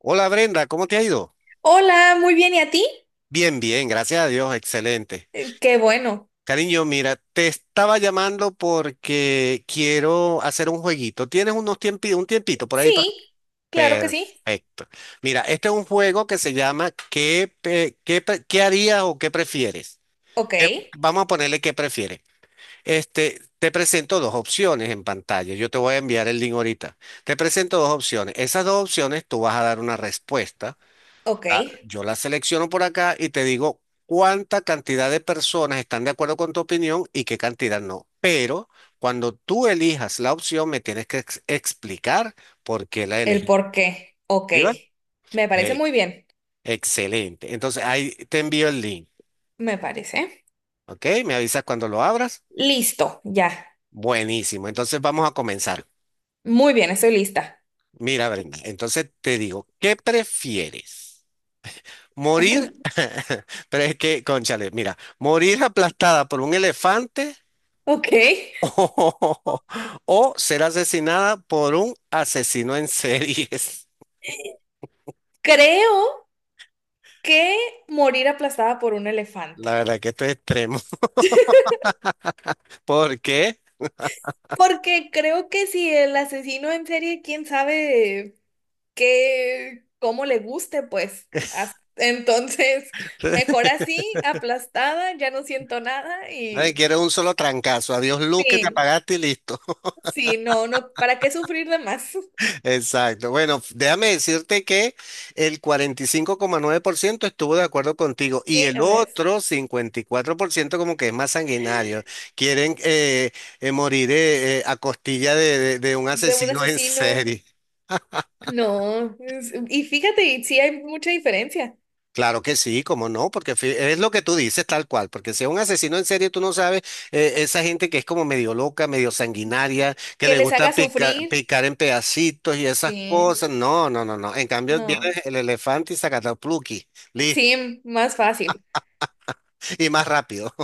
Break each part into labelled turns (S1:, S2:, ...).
S1: Hola Brenda, ¿cómo te ha ido?
S2: Hola, muy bien, ¿y a ti?
S1: Bien, bien, gracias a Dios, excelente.
S2: Qué bueno.
S1: Cariño, mira, te estaba llamando porque quiero hacer un jueguito. ¿Tienes un tiempito por ahí para...
S2: Sí, claro que sí.
S1: Perfecto. Mira, este es un juego que se llama: ¿qué harías o qué prefieres?
S2: Ok,
S1: ¿Qué- Vamos a ponerle "¿qué prefieres?". Este, te presento dos opciones en pantalla. Yo te voy a enviar el link ahorita. Te presento dos opciones. Esas dos opciones tú vas a dar una respuesta.
S2: ok.
S1: Ah, yo la selecciono por acá y te digo cuánta cantidad de personas están de acuerdo con tu opinión y qué cantidad no. Pero cuando tú elijas la opción, me tienes que explicar por qué la
S2: El
S1: elegí.
S2: por qué. Ok.
S1: ¿Iba?
S2: Me parece
S1: Eh,
S2: muy bien.
S1: Excelente. Entonces ahí te envío el link.
S2: Me parece.
S1: ¿Ok? Me avisas cuando lo abras.
S2: Listo, ya.
S1: Buenísimo. Entonces vamos a comenzar.
S2: Muy bien, estoy lista.
S1: Mira, Brenda, entonces te digo, ¿qué prefieres? Morir, pero es que, cónchale, mira, morir aplastada por un elefante,
S2: Ok.
S1: o ser asesinada por un asesino en series.
S2: Creo que morir aplastada por un elefante.
S1: La verdad que esto es extremo. ¿Por qué?
S2: Porque creo que si el asesino en serie, quién sabe, que como le guste, pues. Entonces, mejor así, aplastada, ya no siento nada
S1: Nadie
S2: y
S1: quiere un solo trancazo. Adiós, luz, que te
S2: sí,
S1: apagaste y listo.
S2: sí, no, no, ¿para qué sufrir de más?
S1: Exacto. Bueno, déjame decirte que el 45,9% estuvo de acuerdo contigo y
S2: Sí,
S1: el
S2: a ver,
S1: otro 54% como que es más sanguinario. Quieren morir a costilla de un
S2: de un
S1: asesino en
S2: asesino,
S1: serie.
S2: no. Y fíjate, y sí hay mucha diferencia.
S1: Claro que sí, cómo no, porque es lo que tú dices, tal cual, porque si es un asesino en serie, tú no sabes, esa gente que es como medio loca, medio sanguinaria, que
S2: Que
S1: le
S2: les
S1: gusta
S2: haga
S1: picar,
S2: sufrir,
S1: picar en pedacitos y esas
S2: sí,
S1: cosas. No, no, no, no, en cambio viene
S2: no.
S1: el elefante y sacatapluki, listo,
S2: Sí, más fácil.
S1: y más rápido.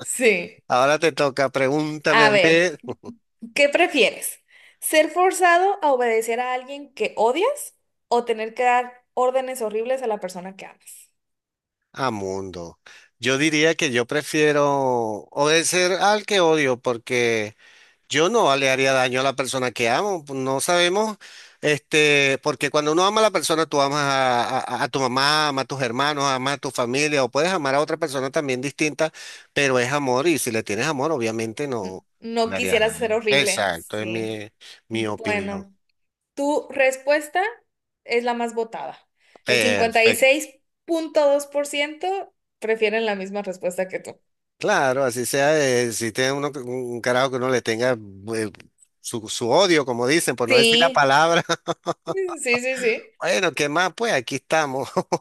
S2: Sí.
S1: Ahora te toca, pregúntame, a
S2: A ver.
S1: ver.
S2: ¿Qué prefieres? ¿Ser forzado a obedecer a alguien que odias o tener que dar órdenes horribles a la persona que amas?
S1: ¡A mundo! Yo diría que yo prefiero obedecer al que odio, porque... Yo no le haría daño a la persona que amo. Pues, no sabemos, este, porque cuando uno ama a la persona, tú amas a, a tu mamá, amas a tus hermanos, amas a tu familia, o puedes amar a otra persona también distinta, pero es amor, y si le tienes amor, obviamente no, no
S2: No
S1: le harías
S2: quisieras ser
S1: daño.
S2: horrible.
S1: Exacto, es
S2: Sí.
S1: mi, opinión.
S2: Bueno, tu respuesta es la más votada. El cincuenta y
S1: Perfecto.
S2: seis punto dos por ciento prefieren la misma respuesta que tú.
S1: Claro, así sea, si tiene uno un carajo que uno le tenga, eh, su, odio, como dicen, por no decir la
S2: Sí,
S1: palabra.
S2: sí, sí, sí.
S1: Bueno, ¿qué más? Pues aquí estamos.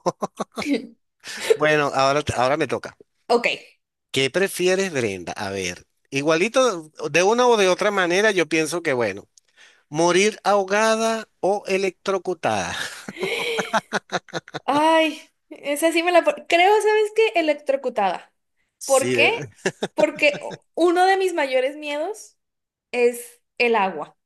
S1: Bueno, ahora me toca.
S2: Ok.
S1: ¿Qué prefieres, Brenda? A ver, igualito, de una o de otra manera, yo pienso que, bueno, morir ahogada o electrocutada.
S2: Ay, esa sí me la... Creo, ¿sabes qué? Electrocutada. ¿Por
S1: Sí,
S2: qué? Porque uno de mis mayores miedos es el agua.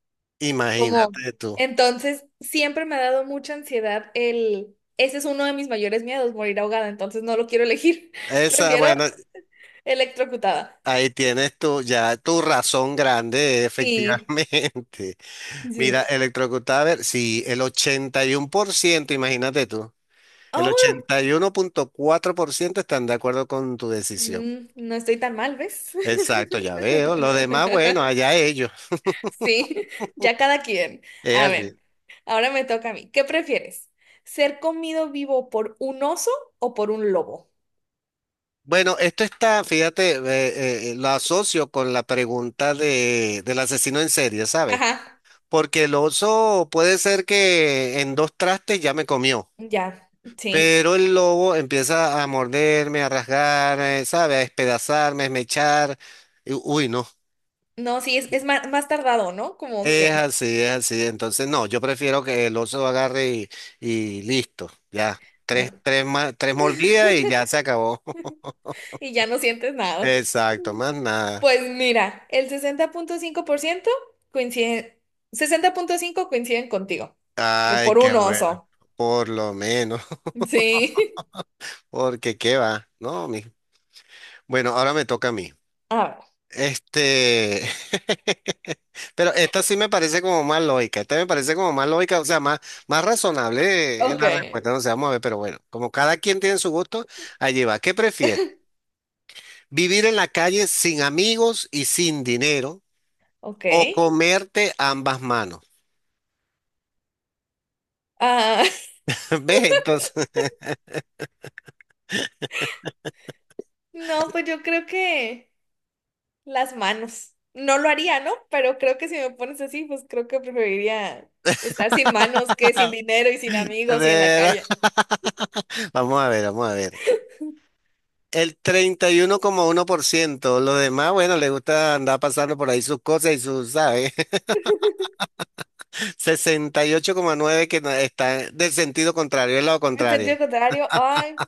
S2: Como,
S1: imagínate tú.
S2: entonces, siempre me ha dado mucha ansiedad el... Ese es uno de mis mayores miedos, morir ahogada. Entonces, no lo quiero elegir.
S1: Esa,
S2: Prefiero
S1: bueno,
S2: electrocutada.
S1: ahí tienes tú ya tu razón grande,
S2: Sí.
S1: efectivamente. Mira,
S2: Sí.
S1: electrocutada, a ver, sí, el 81%. Imagínate tú. El
S2: Oh,
S1: 81,4% están de acuerdo con tu decisión.
S2: mm, no estoy tan mal, ¿ves?
S1: Exacto, ya veo. Los demás, bueno, allá ellos.
S2: Sí, ya cada quien.
S1: Es
S2: A ver.
S1: así.
S2: Ahora me toca a mí. ¿Qué prefieres? ¿Ser comido vivo por un oso o por un lobo?
S1: Bueno, esto está, fíjate, lo asocio con la pregunta del asesino en serie, ¿sabes?
S2: Ajá,
S1: Porque el oso puede ser que en dos trastes ya me comió,
S2: ya, sí.
S1: pero el lobo empieza a morderme, a rasgar, ¿sabes?, a despedazarme, a esmechar. Uy, no.
S2: No, sí, es más tardado, ¿no? Como
S1: Es
S2: que...
S1: así, es así. Entonces, no, yo prefiero que el oso agarre y listo, ya. Tres,
S2: Ah,
S1: tres, ma- tres mordidas y ya se acabó.
S2: y ya no sientes nada.
S1: Exacto, más nada.
S2: Pues mira, el 60,5% coincide... 60,5 coinciden contigo, que
S1: Ay,
S2: por
S1: qué
S2: un
S1: bueno.
S2: oso.
S1: Por lo menos,
S2: Sí.
S1: porque qué va, ¿no? Bueno, ahora me toca a mí.
S2: A ver,
S1: Este, pero esta sí me parece como más lógica, esta me parece como más lógica, o sea, más razonable en
S2: ok,
S1: la respuesta, no sé, vamos a ver, pero bueno, como cada quien tiene su gusto, allí va. ¿Qué prefieres? ¿Vivir en la calle, sin amigos y sin dinero,
S2: ok.
S1: o comerte ambas manos?
S2: Ah,
S1: ¿Ves? Entonces,
S2: no, pues yo creo que... Las manos. No lo haría, ¿no? Pero creo que si me pones así, pues creo que preferiría estar sin manos que sin dinero y sin
S1: de
S2: amigos y en la
S1: verdad,
S2: calle.
S1: vamos a ver, vamos a ver. El treinta y uno coma uno por ciento. Los demás, bueno, les gusta andar pasando por ahí sus cosas y sus, ¿sabes? 68,9 que no- está del sentido contrario, el lado
S2: En sentido
S1: contrario.
S2: contrario, ay,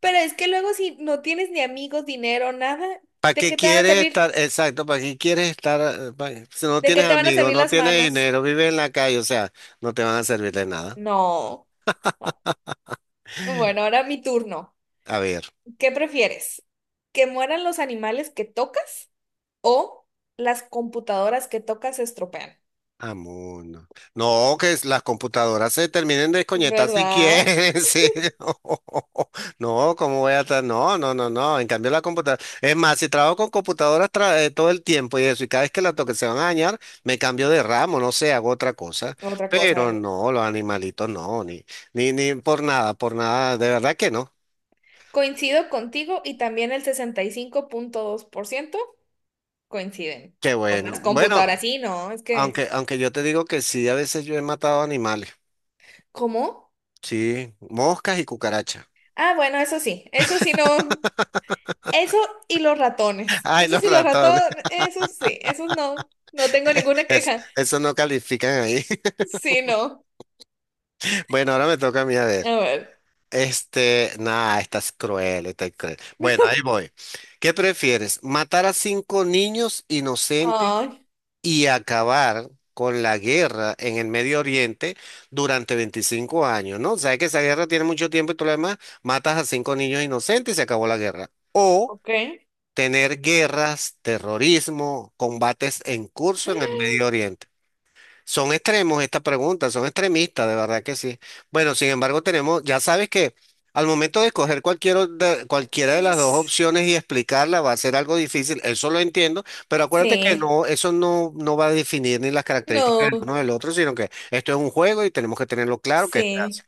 S2: pero es que luego si no tienes ni amigos, dinero, nada,
S1: ¿Para
S2: ¿de
S1: qué
S2: qué te van a
S1: quieres estar?
S2: servir?
S1: Exacto, ¿para qué quieres estar? Si no
S2: ¿De qué
S1: tienes
S2: te van a
S1: amigos,
S2: servir
S1: no
S2: las
S1: tienes
S2: manos?
S1: dinero, vives en la calle, o sea, no te van a servir de nada.
S2: No. Bueno, ahora mi turno.
S1: A ver.
S2: ¿Qué prefieres? ¿Que mueran los animales que tocas o las computadoras que tocas se estropean?
S1: Amuno. No, que las computadoras se terminen de desconectar si
S2: ¿Verdad?
S1: quieren. sí. No, ¿cómo voy a estar? No, no, no, no. En cambio, la computadora... Es más, si trabajo con computadoras todo el tiempo y eso, y cada vez que la toque se van a dañar, me cambio de ramo, no sé, hago otra cosa.
S2: Otra
S1: Pero
S2: cosa.
S1: no, los animalitos no, ni, ni por nada, por nada. De verdad que no.
S2: Coincido contigo y también el 65,2% coinciden
S1: Qué
S2: con
S1: bueno.
S2: las computadoras.
S1: Bueno,
S2: Sí, no, es que,
S1: aunque, yo te digo que sí, a veces yo he matado animales.
S2: ¿cómo?
S1: Sí, moscas y cucarachas.
S2: Ah, bueno, eso sí no, eso y los ratones,
S1: Ay,
S2: eso
S1: los
S2: sí, los
S1: ratones.
S2: ratones, eso sí, esos no, no tengo ninguna
S1: Es-
S2: queja.
S1: eso no califican ahí.
S2: Sí, no,
S1: Bueno, ahora me toca a mí, a ver.
S2: a ver,
S1: Este, nada, estás cruel, estás cruel. Bueno, ahí voy. ¿Qué prefieres? ¿Matar a cinco niños inocentes
S2: ay,
S1: y acabar con la guerra en el Medio Oriente durante 25 años? ¿No? Sabes que esa guerra tiene mucho tiempo y todo lo demás. Matas a cinco niños inocentes y se acabó la guerra. O
S2: ok.
S1: tener guerras, terrorismo, combates en curso en el Medio Oriente. Son extremos estas preguntas, son extremistas, de verdad que sí. Bueno, sin embargo, tenemos, ya sabes que al momento de escoger cualquiera de las dos
S2: Es-
S1: opciones y explicarla va a ser algo difícil, eso lo entiendo, pero acuérdate que
S2: Sí,
S1: no, eso no, no va a definir ni las características
S2: no,
S1: del uno del otro, sino que esto es un juego y tenemos que tenerlo claro, que está.
S2: sí,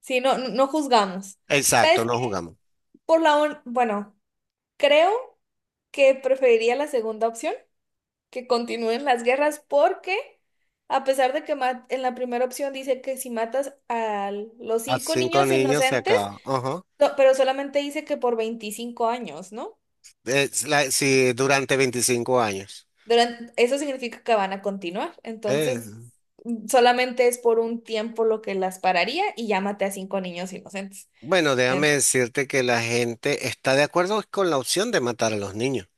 S2: sí, no, no juzgamos.
S1: Exacto,
S2: ¿Sabes
S1: no
S2: qué?
S1: jugamos.
S2: Bueno, creo que preferiría la segunda opción que continúen las guerras porque a pesar de que en la primera opción dice que si matas a los
S1: A
S2: cinco
S1: cinco
S2: niños
S1: niños se
S2: inocentes,
S1: acaba. Ajá.
S2: no, pero solamente dice que por 25 años, ¿no?
S1: Sí, durante 25 años.
S2: Eso significa que van a continuar. Entonces,
S1: Eh,
S2: mm, solamente es por un tiempo lo que las pararía y ya maté a 5 niños inocentes.
S1: Bueno, déjame
S2: En-
S1: decirte que la gente está de acuerdo con la opción de matar a los niños,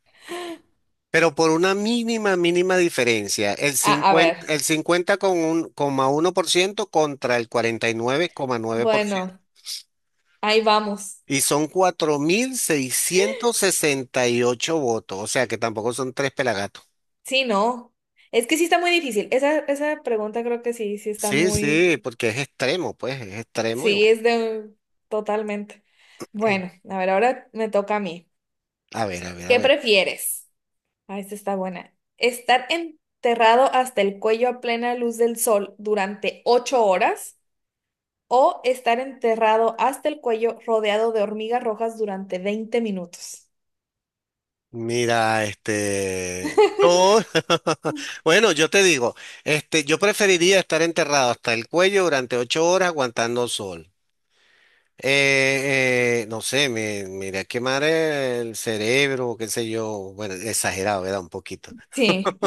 S1: pero por una mínima, mínima diferencia: el
S2: a, a ver,
S1: cincuenta, el cincuenta coma uno por ciento, contra el cuarenta y nueve coma nueve por ciento,
S2: bueno, ahí vamos.
S1: y son 4.668 votos, o sea que tampoco son tres pelagatos.
S2: Sí, no. Es que sí está muy difícil. Esa pregunta creo que sí, sí está
S1: Sí,
S2: muy.
S1: sí, porque es extremo, pues, es extremo y
S2: Sí,
S1: bueno,
S2: es de... Totalmente. Bueno, a ver, ahora me toca a mí.
S1: a ver, a ver, a
S2: ¿Qué
S1: ver.
S2: prefieres? Ah, esta está buena. ¿Estar enterrado hasta el cuello a plena luz del sol durante 8 horas o estar enterrado hasta el cuello rodeado de hormigas rojas durante 20 minutos?
S1: Mira, este, bueno, yo te digo, este, yo preferiría estar enterrado hasta el cuello durante 8 horas aguantando sol. No sé, me iría a quemar el cerebro, qué sé yo, bueno, exagerado, ¿verdad? Un poquito.
S2: Sí.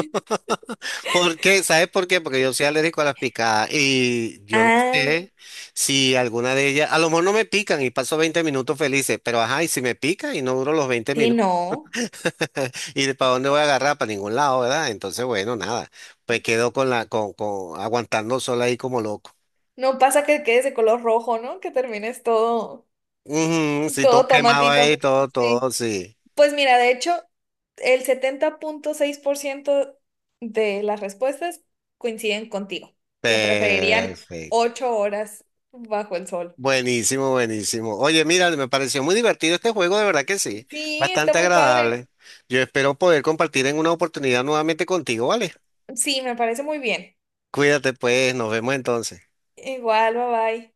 S1: Porque, ¿sabes por qué? Porque yo soy alérgico a las picadas y yo no
S2: Ah,
S1: sé si alguna de ellas, a lo mejor no me pican y paso 20 minutos felices, pero ajá, ¿y si me pica y no duro los veinte
S2: sí,
S1: minutos.
S2: no.
S1: ¿Y para dónde voy a agarrar? Para ningún lado, ¿verdad? Entonces, bueno, nada. Pues quedó con la, aguantando sol ahí como loco.
S2: No pasa que quedes de color rojo, ¿no? Que termines todo,
S1: Ujú, sí, todo
S2: todo
S1: quemaba ahí,
S2: tomatito.
S1: todo,
S2: Sí.
S1: todo, sí.
S2: Pues mira, de hecho, el 70,6% de las respuestas coinciden contigo, que preferirían
S1: Perfecto.
S2: 8 horas bajo el sol.
S1: Buenísimo, buenísimo. Oye, mira, me pareció muy divertido este juego, de verdad que sí.
S2: Sí, está
S1: Bastante
S2: muy padre.
S1: agradable. Yo espero poder compartir en una oportunidad nuevamente contigo, ¿vale?
S2: Sí, me parece muy bien.
S1: Cuídate, pues. Nos vemos entonces.
S2: Igual, bye bye.